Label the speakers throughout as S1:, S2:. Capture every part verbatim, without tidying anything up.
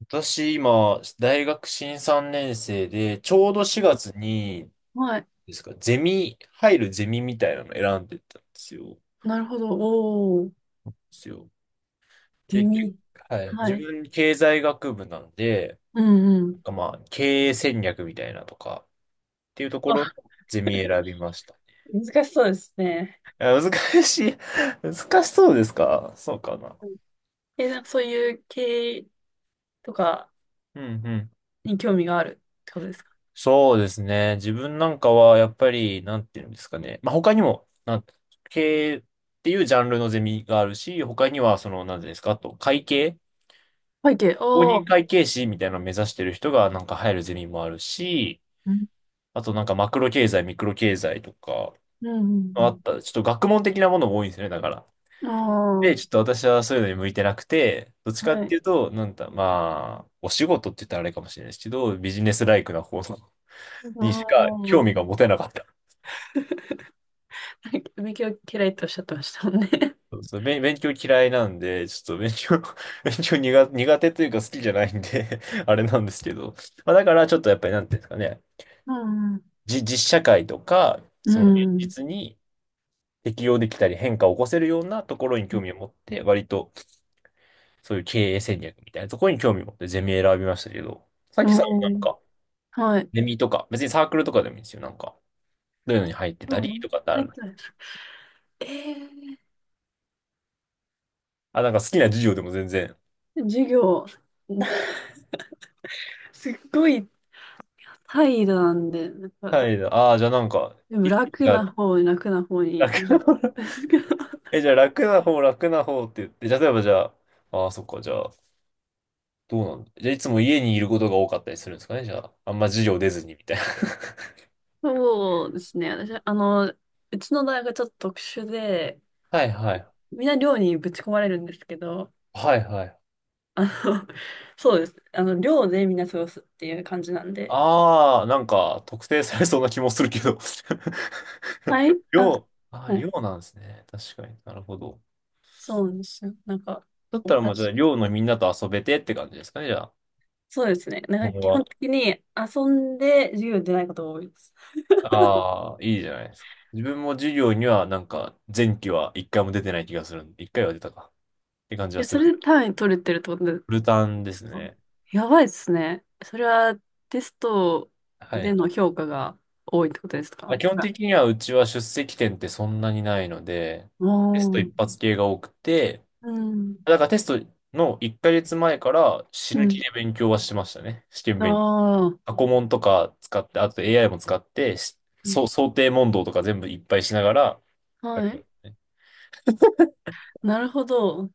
S1: 私、今、大学新さんねん生で、ちょうどしがつに、
S2: はい。
S1: ですか、ゼミ、入るゼミみたいなの選んでたんですよ。で
S2: なるほど。おー、
S1: すよ。
S2: ゼ
S1: で、き
S2: ミ。
S1: はい。
S2: は
S1: 自
S2: い。
S1: 分、経済学部なんで、
S2: うんう
S1: なん
S2: ん。
S1: かまあ、経営戦略みたいなとか、っていうとこ
S2: わ
S1: ろのゼミ選びました。
S2: 難しそうですね。
S1: あ、難しい。難しそうですか？そうかな。
S2: うん。え、なんかそういう経営とか
S1: うんうん、
S2: に興味があるってことですか？
S1: そうですね。自分なんかは、やっぱり、なんていうんですかね。まあ、他にも、なん、経営っていうジャンルのゼミがあるし、他には、その、なんていうんですか、あと、会計、
S2: 背景、
S1: 公
S2: お
S1: 認
S2: ー。
S1: 会計士みたいなのを目指してる人が、なんか入るゼミもあるし、
S2: うん
S1: あと、なんか、マクロ経済、ミクロ経済とか、
S2: う
S1: まあ
S2: ん
S1: った、ちょっと学問的なものも多いんですよね、だから。
S2: うん。
S1: で、ちょ
S2: あ
S1: っと私はそういうのに向いてなくて、どっち
S2: あ
S1: か
S2: ー、
S1: っ
S2: は
S1: ていう
S2: い。
S1: と、なんだ、まあ、お仕事って言ったらあれかもしれないですけど、ビジネスライクな方に
S2: あ
S1: しか興味
S2: あ。
S1: が持てなかった。
S2: 勉強嫌いっておっしゃってましたもんね。
S1: そうそう、勉勉強嫌いなんで、ちょっと勉強 勉強苦、苦手というか好きじゃないんで あれなんですけど。まあ、だからちょっとやっぱりなんていうんですかね、
S2: うん
S1: じ、実社会とか、
S2: う
S1: その現
S2: ん。
S1: 実に適応できたり変化を起こせるようなところに興味を持って、割とそういう経営戦略みたいなところに興味を持ってゼミ選びましたけど、さっ
S2: う
S1: き
S2: ん。
S1: さ、なん
S2: おー、
S1: か、
S2: はい。
S1: ゼミとか、別にサークルとかでもいいんですよ。なんか、どういうのに入って
S2: う
S1: たり
S2: ん。
S1: とかってあ
S2: 入
S1: る
S2: っ
S1: の？
S2: てない。え
S1: あ、なんか好きな授業でも全然。
S2: ー、授業、すっごい怠惰なんで、なんか
S1: はい。ああ、じゃあなんか、
S2: でも
S1: いつ
S2: 楽
S1: が、
S2: な方に楽な方に。なんか。
S1: え、じゃあ楽な方、楽な方って言って、じゃあ例えばじゃあ、ああ、そっか、じゃあ、どうなんだ。じゃあいつも家にいることが多かったりするんですかね、じゃあ。あんま授業出ずにみたいな。
S2: そうですね。私、あの、うちの大学はちょっと特殊で、
S1: はいはい。
S2: みんな寮にぶち込まれるんですけど、
S1: はいはい。
S2: あの、そうです。あの、寮でみんな過ごすっていう感じなんで。
S1: ああ、なんか特定されそうな気もするけど
S2: はい。あ、
S1: 寮、ああ、
S2: はい。
S1: 寮なんですね。確かに、なるほど。
S2: そうなんですよ。なんか、
S1: だっ
S2: お
S1: たらまあ
S2: か
S1: じゃ
S2: し
S1: あ
S2: いです。
S1: 寮のみんなと遊べてって感じですかね、じゃあ。
S2: そうですね。な
S1: 今
S2: ん
S1: 後
S2: か基本
S1: は。
S2: 的に遊んで授業出ないことが多いです。
S1: ああ、いいじゃないですか。自分も授業にはなんか前期は一回も出てない気がするんで、一回は出たかって感じ
S2: い
S1: は
S2: や、
S1: す
S2: そ
S1: る。
S2: れで単位取れてるってことで
S1: フルタンで
S2: す
S1: す
S2: か？
S1: ね。
S2: やばいですね。それはテスト
S1: はい
S2: で
S1: は
S2: の
S1: い。
S2: 評価が多いってことですか？
S1: まあ、基本的にはうちは出席点ってそんなにないので、
S2: お
S1: テスト
S2: ー。
S1: 一発系が多くて、
S2: うん。
S1: だからテストのいっかげつまえから死
S2: う
S1: ぬ気
S2: ん。
S1: で勉強はしてましたね。試験勉強。
S2: ああ。
S1: 過去問とか使って、あと エーアイ も使って、し
S2: うん。
S1: そう、想定問答とか全部いっぱいしながら、
S2: はい。なるほど。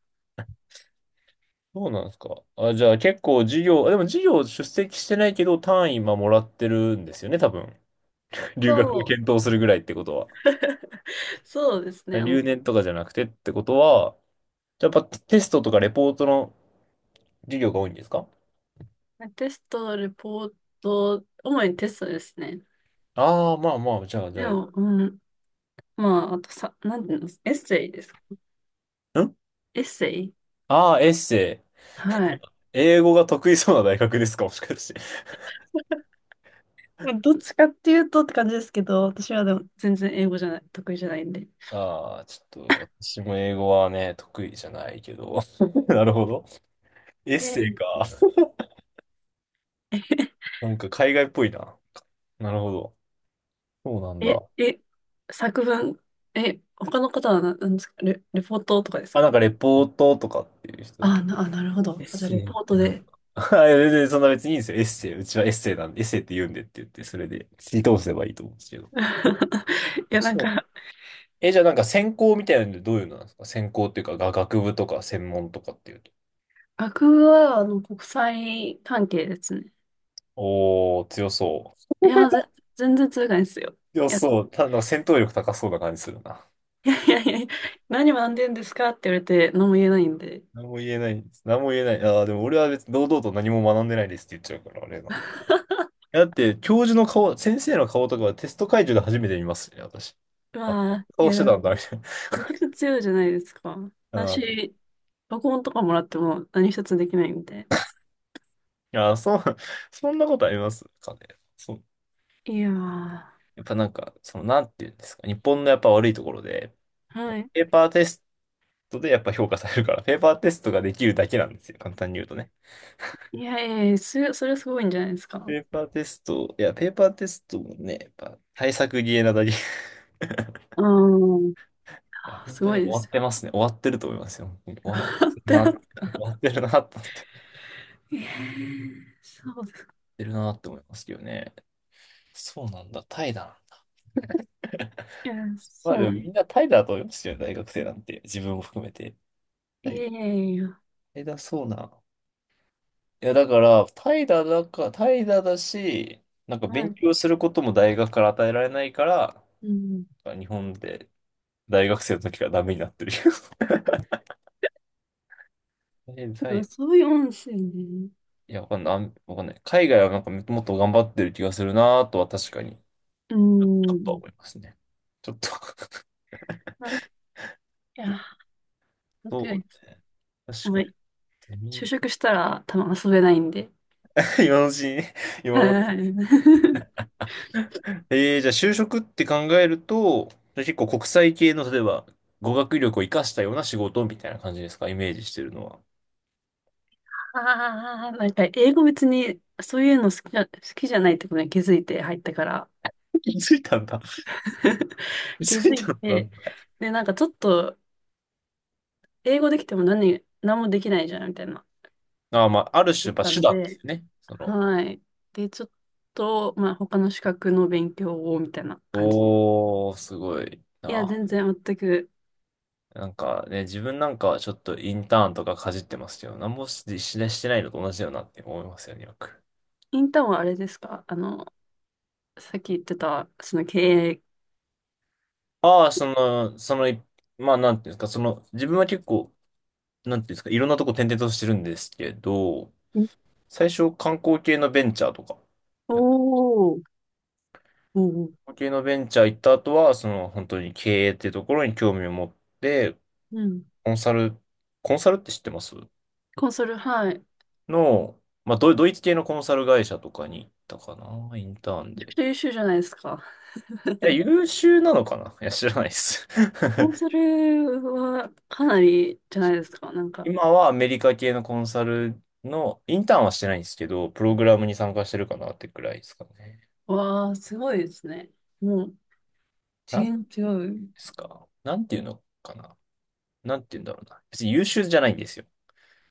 S1: そうなんですか。あ、じゃあ結構授業、あでも授業出席してないけど単位今もらってるんですよね、多分。留学を
S2: そ
S1: 検
S2: う。
S1: 討するぐらいってことは。
S2: そうですね。あの、
S1: 留年とかじゃなくてってことは、やっぱテストとかレポートの授業が多いんですか？
S2: テスト、レポート、主にテストですね。
S1: ああー、まあまあ、じゃあ、じ
S2: で
S1: ゃあ、
S2: も、うん。まあ、あとさ、なんていうの、エッセイですか。
S1: ん、
S2: エッセイ、
S1: ああー、エッセイ。
S2: はい。
S1: 英語が得意そうな大学ですか、もしかして？
S2: まあどっちかっていうとって感じですけど、私はでも全然英語じゃない、得意じゃないんで。
S1: ああ、ちょっと、私も英語はね、得意じゃないけど。なるほど。エッ
S2: イェ
S1: セイ
S2: イ。
S1: か。なんか海外っぽいな。なるほど。そうなん
S2: え、
S1: だ。
S2: え、作文、え、他の方はな、なんですか？レ、レポートとかです
S1: あ、
S2: か？
S1: なんかレポートとかっていう人だね。
S2: あ、な、あ、なるほ
S1: エ
S2: ど。
S1: ッ
S2: あ、じゃあ、
S1: セ
S2: レ
S1: イっ
S2: ポー
S1: て
S2: ト
S1: なんか。
S2: で。
S1: はい、全然そんな別にいいんですよ。エッセイ。うちはエッセイなんで、エッセイって言うんでって言って、それで、追通せばいいと思うんですけど。
S2: いや、なん
S1: そう、
S2: か、
S1: え、じゃあなんか専攻みたいなのでどういうのなんですか？専攻っていうか、が学部とか専門とかっていうと。
S2: 学部は、あの、国際関係ですね。
S1: おー、強そう。
S2: いや、ぜ、全然通外ですよ。
S1: 強
S2: いや、
S1: そう。ただ、なんか戦闘力高そうな感じするな。
S2: いやいやいや、何学んでんですかって言われて、何も言えないんで。
S1: 何も言えない。何も言えない。ああ、でも俺は別に堂々と何も学んでないですって言っちゃうから、あれな。だって、教授の顔、先生の顔とかはテスト会場で初めて見ますね、私。あ、
S2: まあ、い
S1: 顔し
S2: や、
S1: て
S2: で
S1: た
S2: も
S1: んだ、みたい
S2: めちゃくちゃ強いじゃないですか。
S1: な。うん。い
S2: 私、録音とかもらっても何一つできないんで。
S1: や、そう、そんなことありますかね。そう。
S2: いやー、は
S1: やっぱなんか、その、なんていうんですか。日本のやっぱ悪いところで、
S2: い。
S1: ペーパーテストでやっぱ評価されるから、ペーパーテストができるだけなんですよ。簡単に言うとね。
S2: いやいやいや、す、それ、はすごいんじゃないですか。
S1: ペーパーテスト、いや、ペーパーテストもね、やっぱ対策ゲーなだけ。い
S2: うん。
S1: や、
S2: あ、
S1: 本
S2: す
S1: 当
S2: ご
S1: に
S2: い
S1: 終
S2: で
S1: わ
S2: す
S1: っ
S2: よ。
S1: てますね。終わってると思いますよ。本当に 終わっ
S2: 笑っ
S1: てる
S2: てま
S1: な、
S2: す
S1: 終わ
S2: か？
S1: ってるなと思って。終わっ
S2: えー、そうですか。
S1: てるなって思いますけどね。そうなんだ、怠惰なんだ。
S2: いや、
S1: ま
S2: そ
S1: あ
S2: う
S1: でも
S2: なん。
S1: みんな怠惰だと思いますよね、大学生なんて。自分も含めて。
S2: い
S1: 怠
S2: やいやいや。
S1: 怠惰そうな。いや、だから、怠惰だか、怠惰だし、なんか
S2: は
S1: 勉
S2: い。
S1: 強することも大学から与えられないから、
S2: うん。
S1: 日本で大学生の時からダメになってるよ。え、だ
S2: でも
S1: い、
S2: そういう音声ね。
S1: いや、わかんない。あんわかんない。海外はなんかもっと頑張ってる気がするなとは確かに、ち
S2: う
S1: ょっとは
S2: ん。
S1: 思いますね。ちょっと
S2: あ、いや、本当
S1: そう
S2: に、
S1: ね。確
S2: もう、
S1: かに。ゼ
S2: 就
S1: ミ
S2: 職したら多分遊べないんで。
S1: 今のうちにね、今のう
S2: は
S1: ち
S2: い。
S1: に。えー、じゃあ就職って考えると、じゃあ結構国際系の、例えば、語学力を活かしたような仕事みたいな感じですか、イメージしてるのは。
S2: ああ、なんか英語別にそういうの好きじゃ、好きじゃないってことに気づいて入ったから。
S1: 気づいたんだ。気
S2: 気
S1: づい
S2: づい
S1: たん
S2: て、
S1: だ。
S2: で、なんかちょっと、英語できても何、何もできないじゃんみたいな。
S1: ああ、まあ、ある種、
S2: 思
S1: やっ
S2: っ
S1: ぱ
S2: た
S1: 手
S2: ん
S1: 段です
S2: で、
S1: よね。その、
S2: はい。で、ちょっと、まあ、他の資格の勉強をみたいな感じ。
S1: おー、すごい
S2: いや、
S1: な。
S2: 全然全く。
S1: なんかね、自分なんかはちょっとインターンとかかじってますけど、なんもし、ししてないのと同じだよなって思いますよね、よく。
S2: インターンはあれですか、あの、さっき言ってた、その経営。
S1: ああ、その、その、いまあ、なんていうんですか、その、自分は結構、なんていうんですか、いろんなとこ転々としてるんですけど、
S2: ん、
S1: 最初観光系のベンチャーとか、
S2: お
S1: や
S2: ー、おー、
S1: 観光系のベンチャー行った後は、その、本当に経営っていうところに興味を持って、
S2: うん。
S1: コンサル、コンサルって知ってます
S2: コンソル、はい。め
S1: の？まあ、ドドイツ系のコンサル会社とかに行ったかな、インターン
S2: ちゃく
S1: で。
S2: ちゃ優秀じゃないですか。
S1: いや、優秀なのかな、いや、知らないです。
S2: コン ソルはかなりじゃないですか。なんか、
S1: 今はアメリカ系のコンサルの、インターンはしてないんですけど、プログラムに参加してるかなってくらいですかね。
S2: わー、すごいですね。もう、
S1: な
S2: 次
S1: んで
S2: 元違う。
S1: すか、なんていうのかな、なんていうんだろうな。別に優秀じゃないんですよ。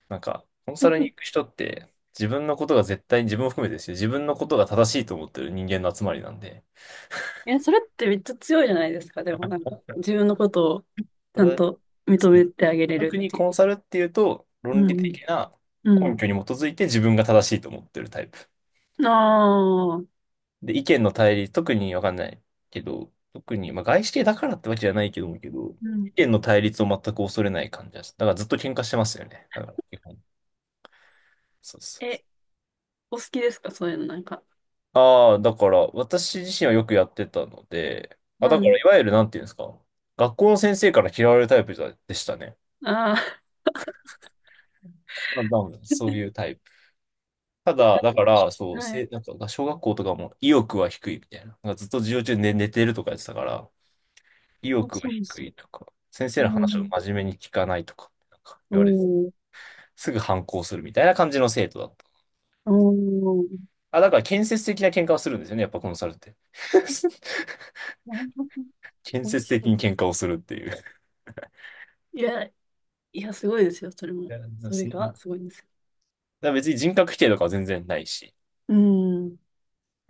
S1: なんか、コンサルに行 く人って、自分のことが絶対に、自分を含めてですよ。自分のことが正しいと思ってる人間の集まりなんで。
S2: え、それってめっちゃ強いじゃないですか。でもなんか、自分のことを
S1: た
S2: ちゃん
S1: だ、
S2: と認
S1: つ
S2: めてあげれ
S1: 特
S2: るっ
S1: に
S2: てい
S1: コ
S2: う。
S1: ンサルっていうと、
S2: う
S1: 論理
S2: ん
S1: 的な
S2: う
S1: 根
S2: ん。
S1: 拠に基づいて自分が正しいと思ってるタイプ。
S2: ああ。う
S1: で、意見の対立、特にわかんないけど、特に、まあ、外資系だからってわけじゃないけども、けど、意
S2: ん。
S1: 見の対立を全く恐れない感じです。だからずっと喧嘩してますよね。だから、基本。そうそうそ
S2: え、お好きですかそういうのなんか。
S1: う。ああ、だから私自身はよくやってたので、あ、
S2: う
S1: だから
S2: ん。
S1: いわゆるなんていうんですか、学校の先生から嫌われるタイプだでしたね。
S2: ああ。
S1: まあ多分そうい うタイプ。ただ、だから、そう、
S2: は
S1: せ、
S2: い。
S1: なんか、小学校とかも意欲は低いみたいな。なんかずっと授業中寝、寝てるとかやってたから、意
S2: あ、
S1: 欲が
S2: そうで
S1: 低
S2: す。
S1: いとか、先生
S2: う
S1: の話を
S2: ん。
S1: 真面目に聞かないとか、なんか
S2: お
S1: 言われて、
S2: ー。
S1: すぐ反抗するみたいな感じの生徒だった。
S2: おー。
S1: あ、だから建設的な喧嘩をするんですよね、やっぱコンサルって。
S2: なるほど。
S1: 建
S2: 面
S1: 設的
S2: 白い
S1: に
S2: で
S1: 喧
S2: す。
S1: 嘩をするっていう。
S2: いや、いや、すごいですよ、それ
S1: い
S2: も。
S1: や、
S2: それ
S1: そんな。だ
S2: が
S1: か
S2: すごいんですよ。
S1: ら別に人格否定とかは全然ないし、
S2: うん。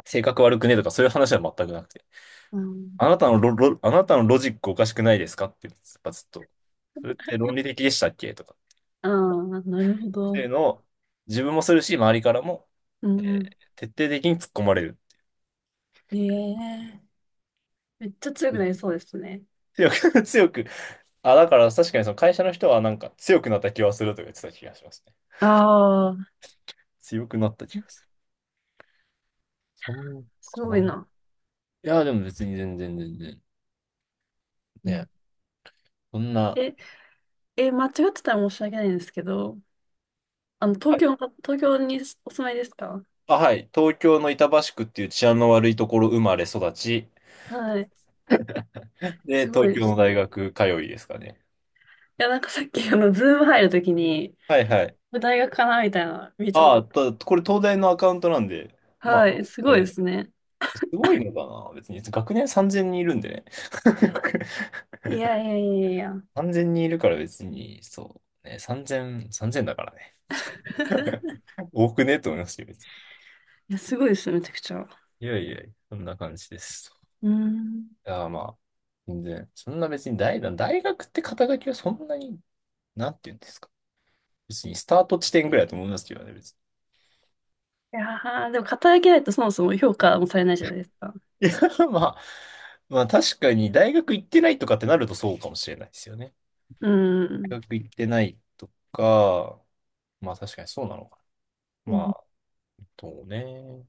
S1: 性格悪くねとかそういう話は全くなくて、
S2: うん。
S1: あなたのロ、ロ、あなたのロジックおかしくないですかって、やっぱずっと、それって論理的でしたっけとか、
S2: ああ、なるほ
S1: っていう
S2: ど。
S1: のを自分もするし、周りからも、
S2: う
S1: え
S2: んう
S1: ー
S2: ん。
S1: 徹底的に突っ込まれる。
S2: ええ、めっちゃ強く
S1: で
S2: なりそうですね。
S1: 強く、強く、あ、だから確かにその会社の人はなんか強くなった気はするとか言ってた気がしますね。
S2: ああ、
S1: 強くなった気がする。そう
S2: す
S1: かな。
S2: ごい
S1: い
S2: な。
S1: や、でも別に全然全然。
S2: う
S1: ね、
S2: ん。
S1: そんな。
S2: え、え、間違ってたら申し訳ないんですけど、あの、
S1: は
S2: 東
S1: い、
S2: 京の、東京にお住まいですか？
S1: あ、はい。東京の板橋区っていう治安の悪いところ生まれ育ち。
S2: はい。
S1: で、
S2: すご
S1: 東
S2: いで
S1: 京の
S2: すね。
S1: 大
S2: い
S1: 学通いですかね。
S2: や、なんかさっき、あの、ズーム入るときに、
S1: はいはい。
S2: これ大学かなみたいなの見えちゃっ
S1: あ
S2: た。
S1: あ、たこれ東大のアカウントなんで、ま
S2: は
S1: あ、
S2: い、す
S1: あ
S2: ごいで
S1: れ、
S2: すね。
S1: すごいのかな。別に学年さんぜんにんいるんでね。
S2: いやいやいやいや。
S1: さんぜんにんいるから別に、そう。ね、さんぜん、さんぜんだからね。多くねと思いましたよ、別
S2: いや、すごいですよ、めちゃくちゃ。
S1: に。いやいやいや、そんな感じです。
S2: うん。
S1: いや、まあ、全然、そんな別に大、大学って肩書きはそんなに、なんて言うんですか。別にスタート地点ぐらいだと思いますけどね、別に。
S2: いやー、でも、肩書きないとそもそも評価もされないじゃないですか。
S1: まあ、まあ確かに大学行ってないとかってなるとそうかもしれないですよね。
S2: うー
S1: 大
S2: ん。
S1: 学行ってないとか、まあ確かにそうなのかな。
S2: う
S1: ま
S2: ん
S1: あ、そうね。